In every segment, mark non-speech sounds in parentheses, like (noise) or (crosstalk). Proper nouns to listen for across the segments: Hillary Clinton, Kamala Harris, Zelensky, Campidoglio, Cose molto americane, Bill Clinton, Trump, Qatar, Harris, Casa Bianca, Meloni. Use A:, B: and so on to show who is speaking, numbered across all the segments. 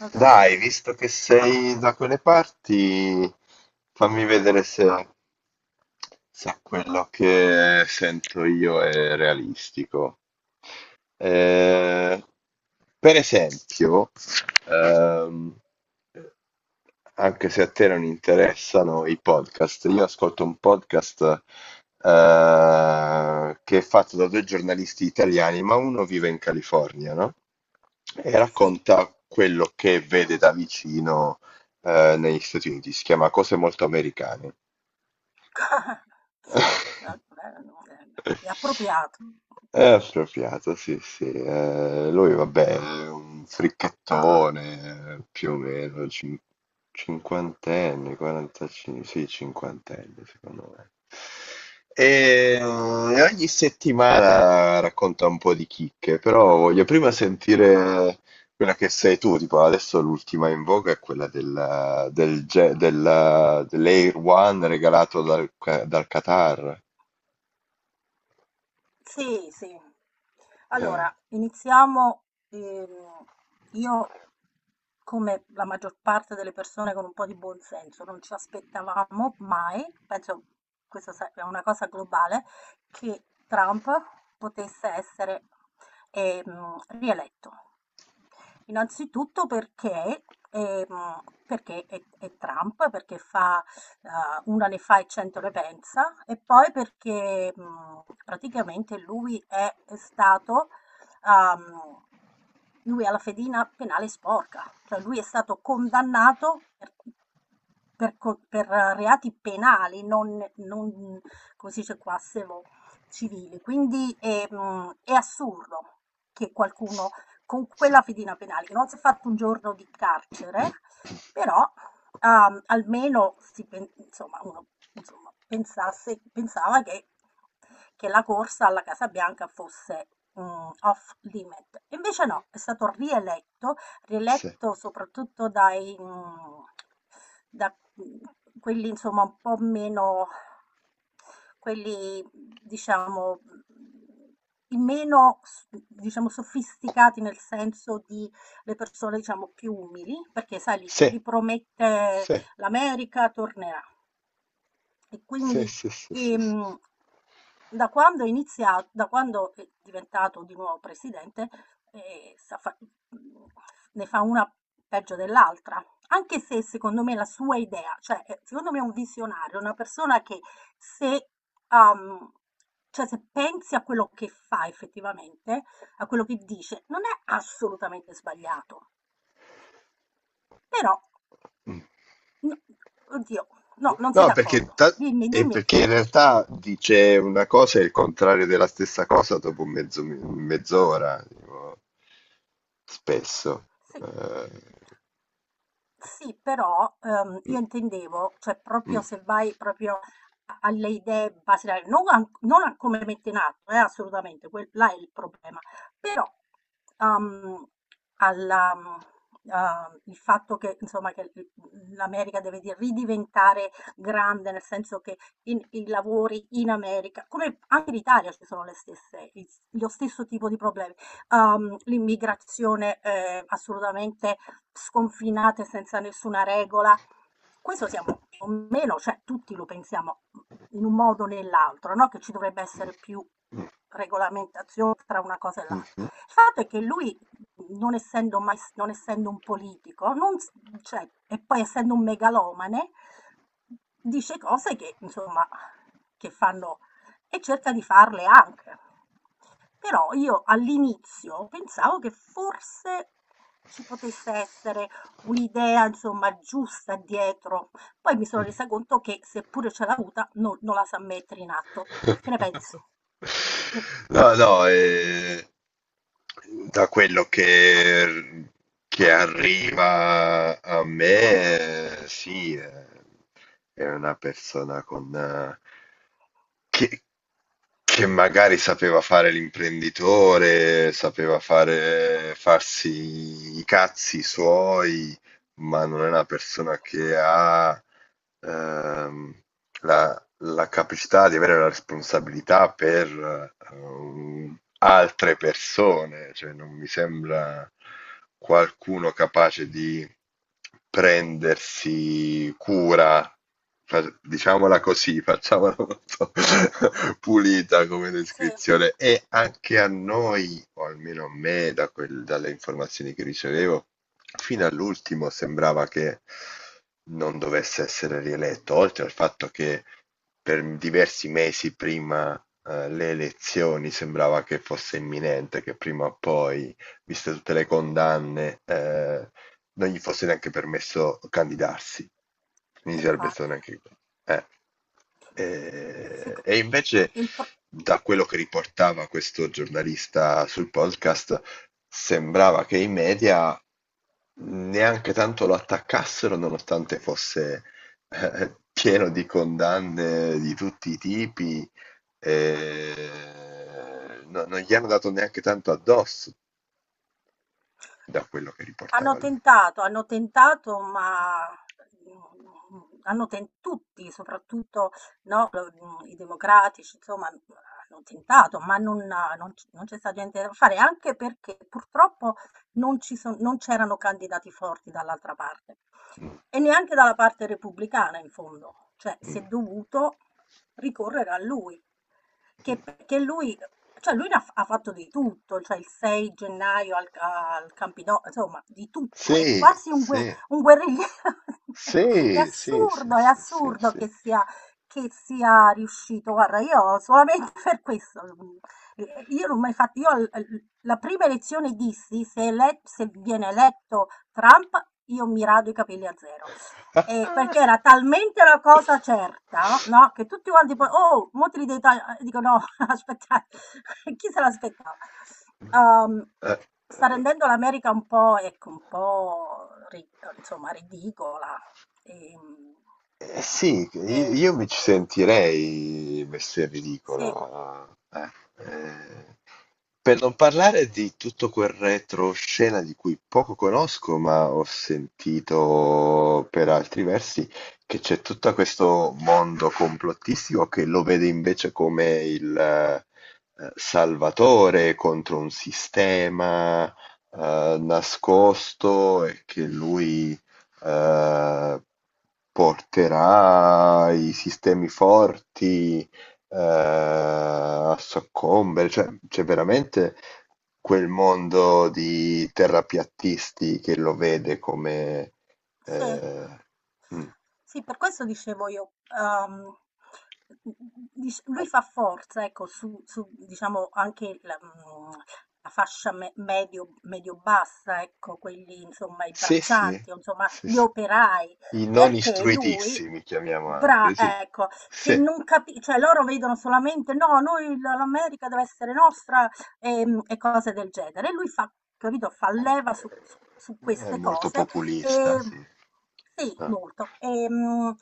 A: Okay,
B: Dai, visto che sei da quelle parti, fammi vedere se quello che sento io è realistico. Eh, per esempio, Ehm, anche se a te non interessano i podcast, io ascolto un podcast che è fatto da due giornalisti italiani, ma uno vive in California, no? E
A: sì.
B: racconta quello che vede da vicino negli Stati Uniti. Si chiama Cose molto americane.
A: (laughs) No,
B: (laughs)
A: vabbè, è appropriato.
B: È appropriato, sì, sì. Lui, vabbè, è un fricchettone, più o meno, cinquantenne, 45, sì, cinquantenne, secondo me. E ogni settimana racconta un po' di chicche, però voglio prima sentire quella che sei tu, tipo adesso l'ultima in voga è quella dell'Air One regalato dal Qatar.
A: Sì, sì.
B: Eh.
A: Allora, iniziamo. ehm, io, come la maggior parte delle persone con un po' di buon senso, non ci aspettavamo mai, penso, questa sa è una cosa globale, che Trump potesse essere, rieletto. Innanzitutto perché è Trump, perché fa, una ne fa e 100 ne pensa. E poi perché, praticamente uhm, lui ha la fedina penale sporca, cioè lui è stato condannato per reati penali, non come si dice qua, se lo- civili. Quindi, è assurdo che qualcuno con
B: Sì,
A: quella fedina penale, che non si è fatto un giorno di carcere, però, almeno insomma, uno, insomma, pensava che la corsa alla Casa Bianca fosse, off limit. Invece no, è stato rieletto
B: sì,
A: rieletto soprattutto da quelli insomma un po' meno quelli diciamo, i meno, s diciamo, sofisticati, nel senso di, le persone diciamo più umili, perché sai, li
B: sì,
A: li promette:
B: sì,
A: l'America tornerà. E
B: sì,
A: quindi,
B: sì, sì, sì. Sì.
A: ehm, da quando è iniziato, da quando è diventato di nuovo presidente, eh, sa fa- mm, ne fa una peggio dell'altra. Anche se secondo me la sua idea, cioè, secondo me è un visionario, una persona che, se, um, cioè, se pensi a quello che fa effettivamente, a quello che dice, non è assolutamente sbagliato. Però,
B: Mm.
A: no, oddio, no, non sei
B: No, perché,
A: d'accordo.
B: ta-
A: Dimmi,
B: e
A: dimmi.
B: perché in realtà dice una cosa e il contrario della stessa cosa dopo mezz'ora, tipo, spesso.
A: Sì.
B: Eh,
A: Sì, però,
B: mm,
A: io intendevo, cioè proprio
B: mm.
A: se vai proprio a alle idee basilari, non a come le mette in atto. Eh, assolutamente, quel là è il problema. Però, uhm, alla mhmm, il fatto che, insomma, che l l l'America deve di ridiventare grande, nel senso che, in i lavori in America, come anche in Italia, ci sono le stesse i s lo stesso tipo di problemi. L'immigrazione, assolutamente sconfinate, senza nessuna regola. Questo siamo più o meno, cioè tutti lo pensiamo in un modo o nell'altro, no? Che ci dovrebbe essere più
B: Mh,
A: regolamentazione tra una cosa e l'altra.
B: mh-mh.
A: Il fatto è che lui, non essendo, mai, non essendo un politico, non, cioè, e poi essendo un megalomane, dice cose insomma, che fanno, e cerca di farle anche. Però io all'inizio pensavo che forse ci potesse essere un'idea, insomma, giusta dietro. Poi mi sono
B: Mh.
A: resa conto che, seppure ce l'ha avuta, non la sa mettere in atto. Che ne pensi? Mm.
B: No, no, da quello che arriva a me, sì, è una persona con, che, che magari sapeva fare l'imprenditore, sapeva fare, farsi i cazzi suoi, ma non è una persona che ha ehm, la, la capacità di avere la responsabilità per altre persone, cioè non mi sembra qualcuno capace di prendersi cura, diciamola così, facciamola molto (laughs) pulita come
A: Sì,
B: descrizione. E anche a noi, o almeno a me, da dalle informazioni che ricevevo. Fino all'ultimo sembrava che non dovesse essere rieletto, oltre al fatto che per diversi mesi prima le elezioni sembrava che fosse imminente, che prima o poi, viste tutte le condanne, non gli fosse neanche permesso candidarsi. Quindi sarebbe stato
A: infatti.
B: neanche... eh.
A: Seco-
B: E invece,
A: il pro-
B: da quello che riportava questo giornalista sul podcast, sembrava che i media neanche tanto lo attaccassero, nonostante fosse pieno di condanne di tutti i tipi, non gli hanno dato neanche tanto addosso da quello che riportava lui.
A: Hanno tentato, ma, mhmm, hanno ten tutti, soprattutto, no, i democratici, insomma, hanno tentato, ma non c'è stato niente da fare, anche perché purtroppo non ci son non c'erano candidati forti dall'altra parte.
B: Mm,
A: E neanche dalla parte repubblicana, in fondo, cioè si è
B: mm.
A: dovuto ricorrere a lui. Che lui ne ha fatto di tutto, cioè il 6 gennaio al ca al Campido, insomma, di tutto, è
B: Sì,
A: quasi un gue
B: sì,
A: un guerrigliero. (laughs)
B: sì, sì, sì,
A: È
B: sì, sì,
A: assurdo
B: sì.
A: che sia riuscito. Guarda, io solamente, (laughs) per questo, io non ho mai fat io al l la prima elezione dissi: "Se ele se viene eletto Trump, io mi rado i capelli a zero". E
B: (laughs)
A: perché era talmente una cosa certa, no, che tutti quanti poi: "Oh, mo' te li devi taglia", e dico: "No, (laughs) aspettate, (laughs) chi se l'aspettava?" Uhm,
B: Eh,
A: sta rendendo l'America un po', ecco, un po', ri insomma, ridicola, ehm,
B: Eh sì, io,
A: e
B: io mi ci sentirei messo in
A: sì.
B: ridicolo. eh. Eh, per non parlare di tutto quel retroscena di cui poco conosco, ma ho sentito per altri versi che c'è tutto questo mondo complottistico che lo vede invece come il salvatore contro un sistema nascosto e che lui eh, porterà i sistemi forti a soccombere, cioè c'è veramente quel mondo di terrapiattisti che lo vede come...
A: Sì.
B: eh, mm.
A: Sì, per questo dicevo io, dic lui fa forza, ecco, su diciamo anche la fascia me medio medio-bassa, ecco, quelli, insomma, i
B: Sì, sì,
A: braccianti o, insomma,
B: sì,
A: gli
B: sì.
A: operai,
B: I non
A: perché lui,
B: istruitissimi, chiamiamo
A: bra
B: anche, sì.
A: ecco,
B: Sì,
A: che
B: è
A: non capi cioè loro vedono solamente: "No, noi l'America deve essere nostra", e cose del genere. E lui fa, capito, fa leva su queste
B: molto
A: cose,
B: populista,
A: e
B: sì.
A: sì,
B: Ah.
A: molto. Ehm,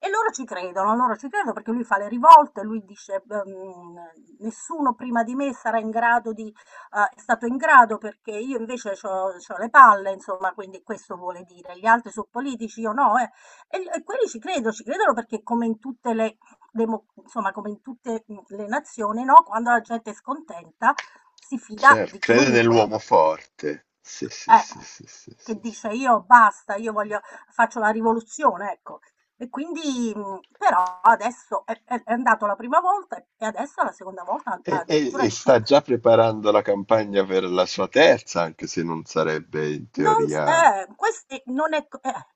A: e loro ci credono perché lui fa le rivolte, lui dice, nessuno prima di me sarà in grado di, è stato in grado perché io invece ho le palle, insomma, quindi questo vuole dire, gli altri sono politici, io no, eh. E quelli ci credono perché, come in tutte le, insomma, come in tutte le nazioni, no? Quando la gente è scontenta si fida
B: Certo,
A: di
B: crede
A: chiunque.
B: nell'uomo forte. Sì, sì,
A: Eh,
B: sì, sì, sì,
A: che
B: sì,
A: dice:
B: sì.
A: "Io basta, io voglio faccio la rivoluzione", ecco. E quindi, però adesso è andato la prima volta, e adesso è la seconda volta,
B: E,
A: a
B: e-
A: addirittura
B: e
A: di più.
B: sta già preparando la campagna per la sua terza, anche se non sarebbe in
A: Non s
B: teoria.
A: eh, questi non è c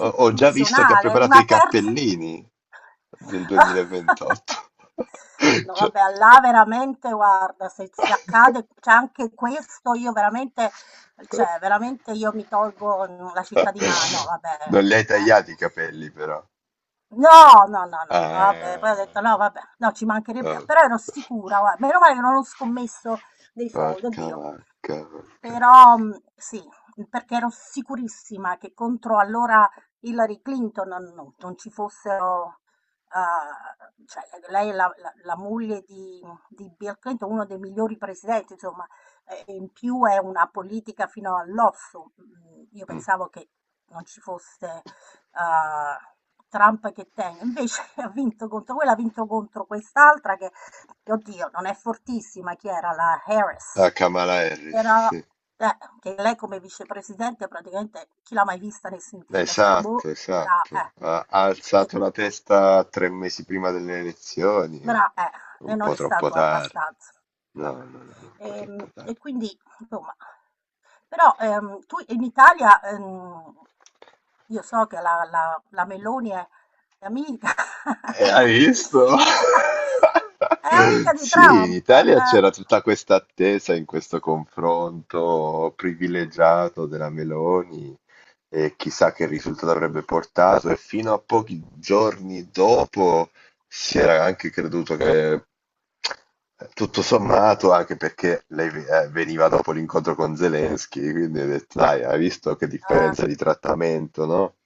B: Ho già visto che ha preparato
A: una
B: i
A: terza.
B: cappellini del
A: (laughs)
B: 2028. (laughs)
A: No,
B: Cioè-
A: vabbè, ah là, veramente, guarda, se
B: (laughs)
A: accade c'è anche questo, io veramente, cioè veramente, io mi tolgo, la cittadina, no vabbè,
B: Non li hai
A: eh.
B: tagliati i capelli, però.
A: No, no, no, no, no, vabbè,
B: Ah,
A: poi ho detto: "No, vabbè, no, ci mancherebbe".
B: ah,
A: Però ero sicura, guarda, meno male che non ho scommesso dei soldi,
B: porca
A: oddio.
B: vacca, porca vacca.
A: Però, sì, perché ero sicurissima che contro, allora, Hillary Clinton non ci fossero, cioè lei è la moglie di Bill Clinton, uno dei migliori presidenti, insomma, e in più è una politica fino all'osso. Mhmm, io
B: Mm.
A: pensavo che non ci fosse, uhm, Trump che tenga. Invece (laughs) ha vinto contro quella, ha vinto contro quest'altra che, oddio, non è fortissima. Chi era? La Harris.
B: Ah, Kamala Harris,
A: Però,
B: sì.
A: che lei, come vicepresidente, praticamente chi l'ha mai vista né sentita, cioè,
B: Esatto,
A: boh,
B: esatto. Ha
A: eh. E,
B: alzato la testa 3 mesi prima delle elezioni, ma
A: bra, eh, e
B: un
A: non
B: po'
A: è
B: troppo
A: stato
B: tardi.
A: abbastanza.
B: No,
A: Boh.
B: no, no, no, un po' troppo
A: E
B: tardi.
A: quindi, insomma, però, tu in Italia, io so che la Meloni è amica,
B: Hai visto? (laughs)
A: (laughs) è amica di
B: Sì, in
A: Trump,
B: Italia
A: eh.
B: c'era tutta questa attesa in questo confronto privilegiato della Meloni e chissà che risultato avrebbe portato e fino a pochi giorni dopo si era anche creduto che tutto sommato anche perché lei veniva dopo l'incontro con Zelensky, quindi ho detto, dai, hai visto che
A: Eh,
B: differenza di trattamento, no?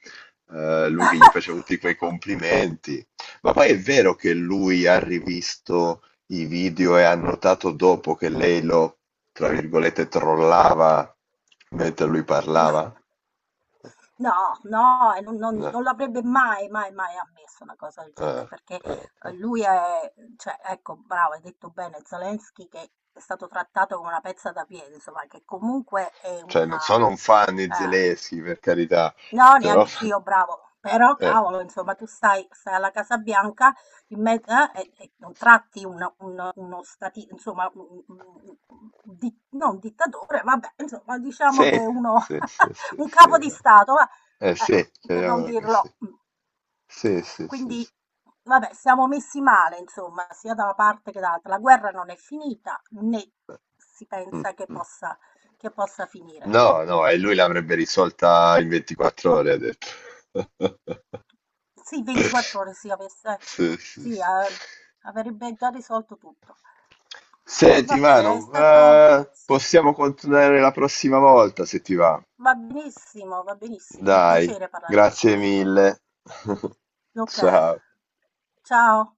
B: Lui che gli faceva tutti quei complimenti, ma poi è vero che lui ha rivisto i video e ha notato dopo che lei lo, tra virgolette, trollava mentre lui
A: no,
B: parlava?
A: no, no, e non, non-
B: No.
A: non l'avrebbe mai, mai, mai ammesso una cosa del
B: Eh,
A: genere, perché,
B: eh, eh.
A: lui è, cioè, ecco, bravo, hai detto bene, Zelensky che è stato trattato come una pezza da piede, insomma, che comunque è
B: Cioè,
A: una,
B: non sono un fan di
A: eh,
B: Zelensky, per carità,
A: no,
B: però...
A: neanch'io, bravo. Però
B: eh.
A: cavolo, insomma, tu stai, alla Casa Bianca in me- e non tratti uno insomma, no, un dittatore, vabbè, insomma, diciamo
B: Sì,
A: che uno,
B: sì, sì,
A: (laughs)
B: sì,
A: un
B: sì.
A: capo di Stato, va, eh,
B: Sì,
A: per non
B: chiariamola così.
A: dirlo.
B: Sì, sì, sì, sì.
A: Quindi,
B: Sì.
A: vabbè, siamo messi male, insomma, sia da una parte che dall'altra. La guerra non è finita, né
B: Eh,
A: si
B: Mm,
A: pensa
B: mm.
A: che possa finire.
B: No, no, e lui l'avrebbe risolta in 24 ore, ha detto. (laughs)
A: Sì, 24 ore, sì,
B: Sì, sì,
A: sì,
B: sì.
A: ehm, avrebbe già risolto tutto.
B: Senti,
A: Vabbè, è
B: Manu,
A: stato sì,
B: possiamo continuare la prossima volta se ti va.
A: va benissimo, un
B: Dai,
A: piacere parlare con
B: grazie
A: te.
B: mille. (laughs)
A: Okay.
B: Ciao.
A: Ciao.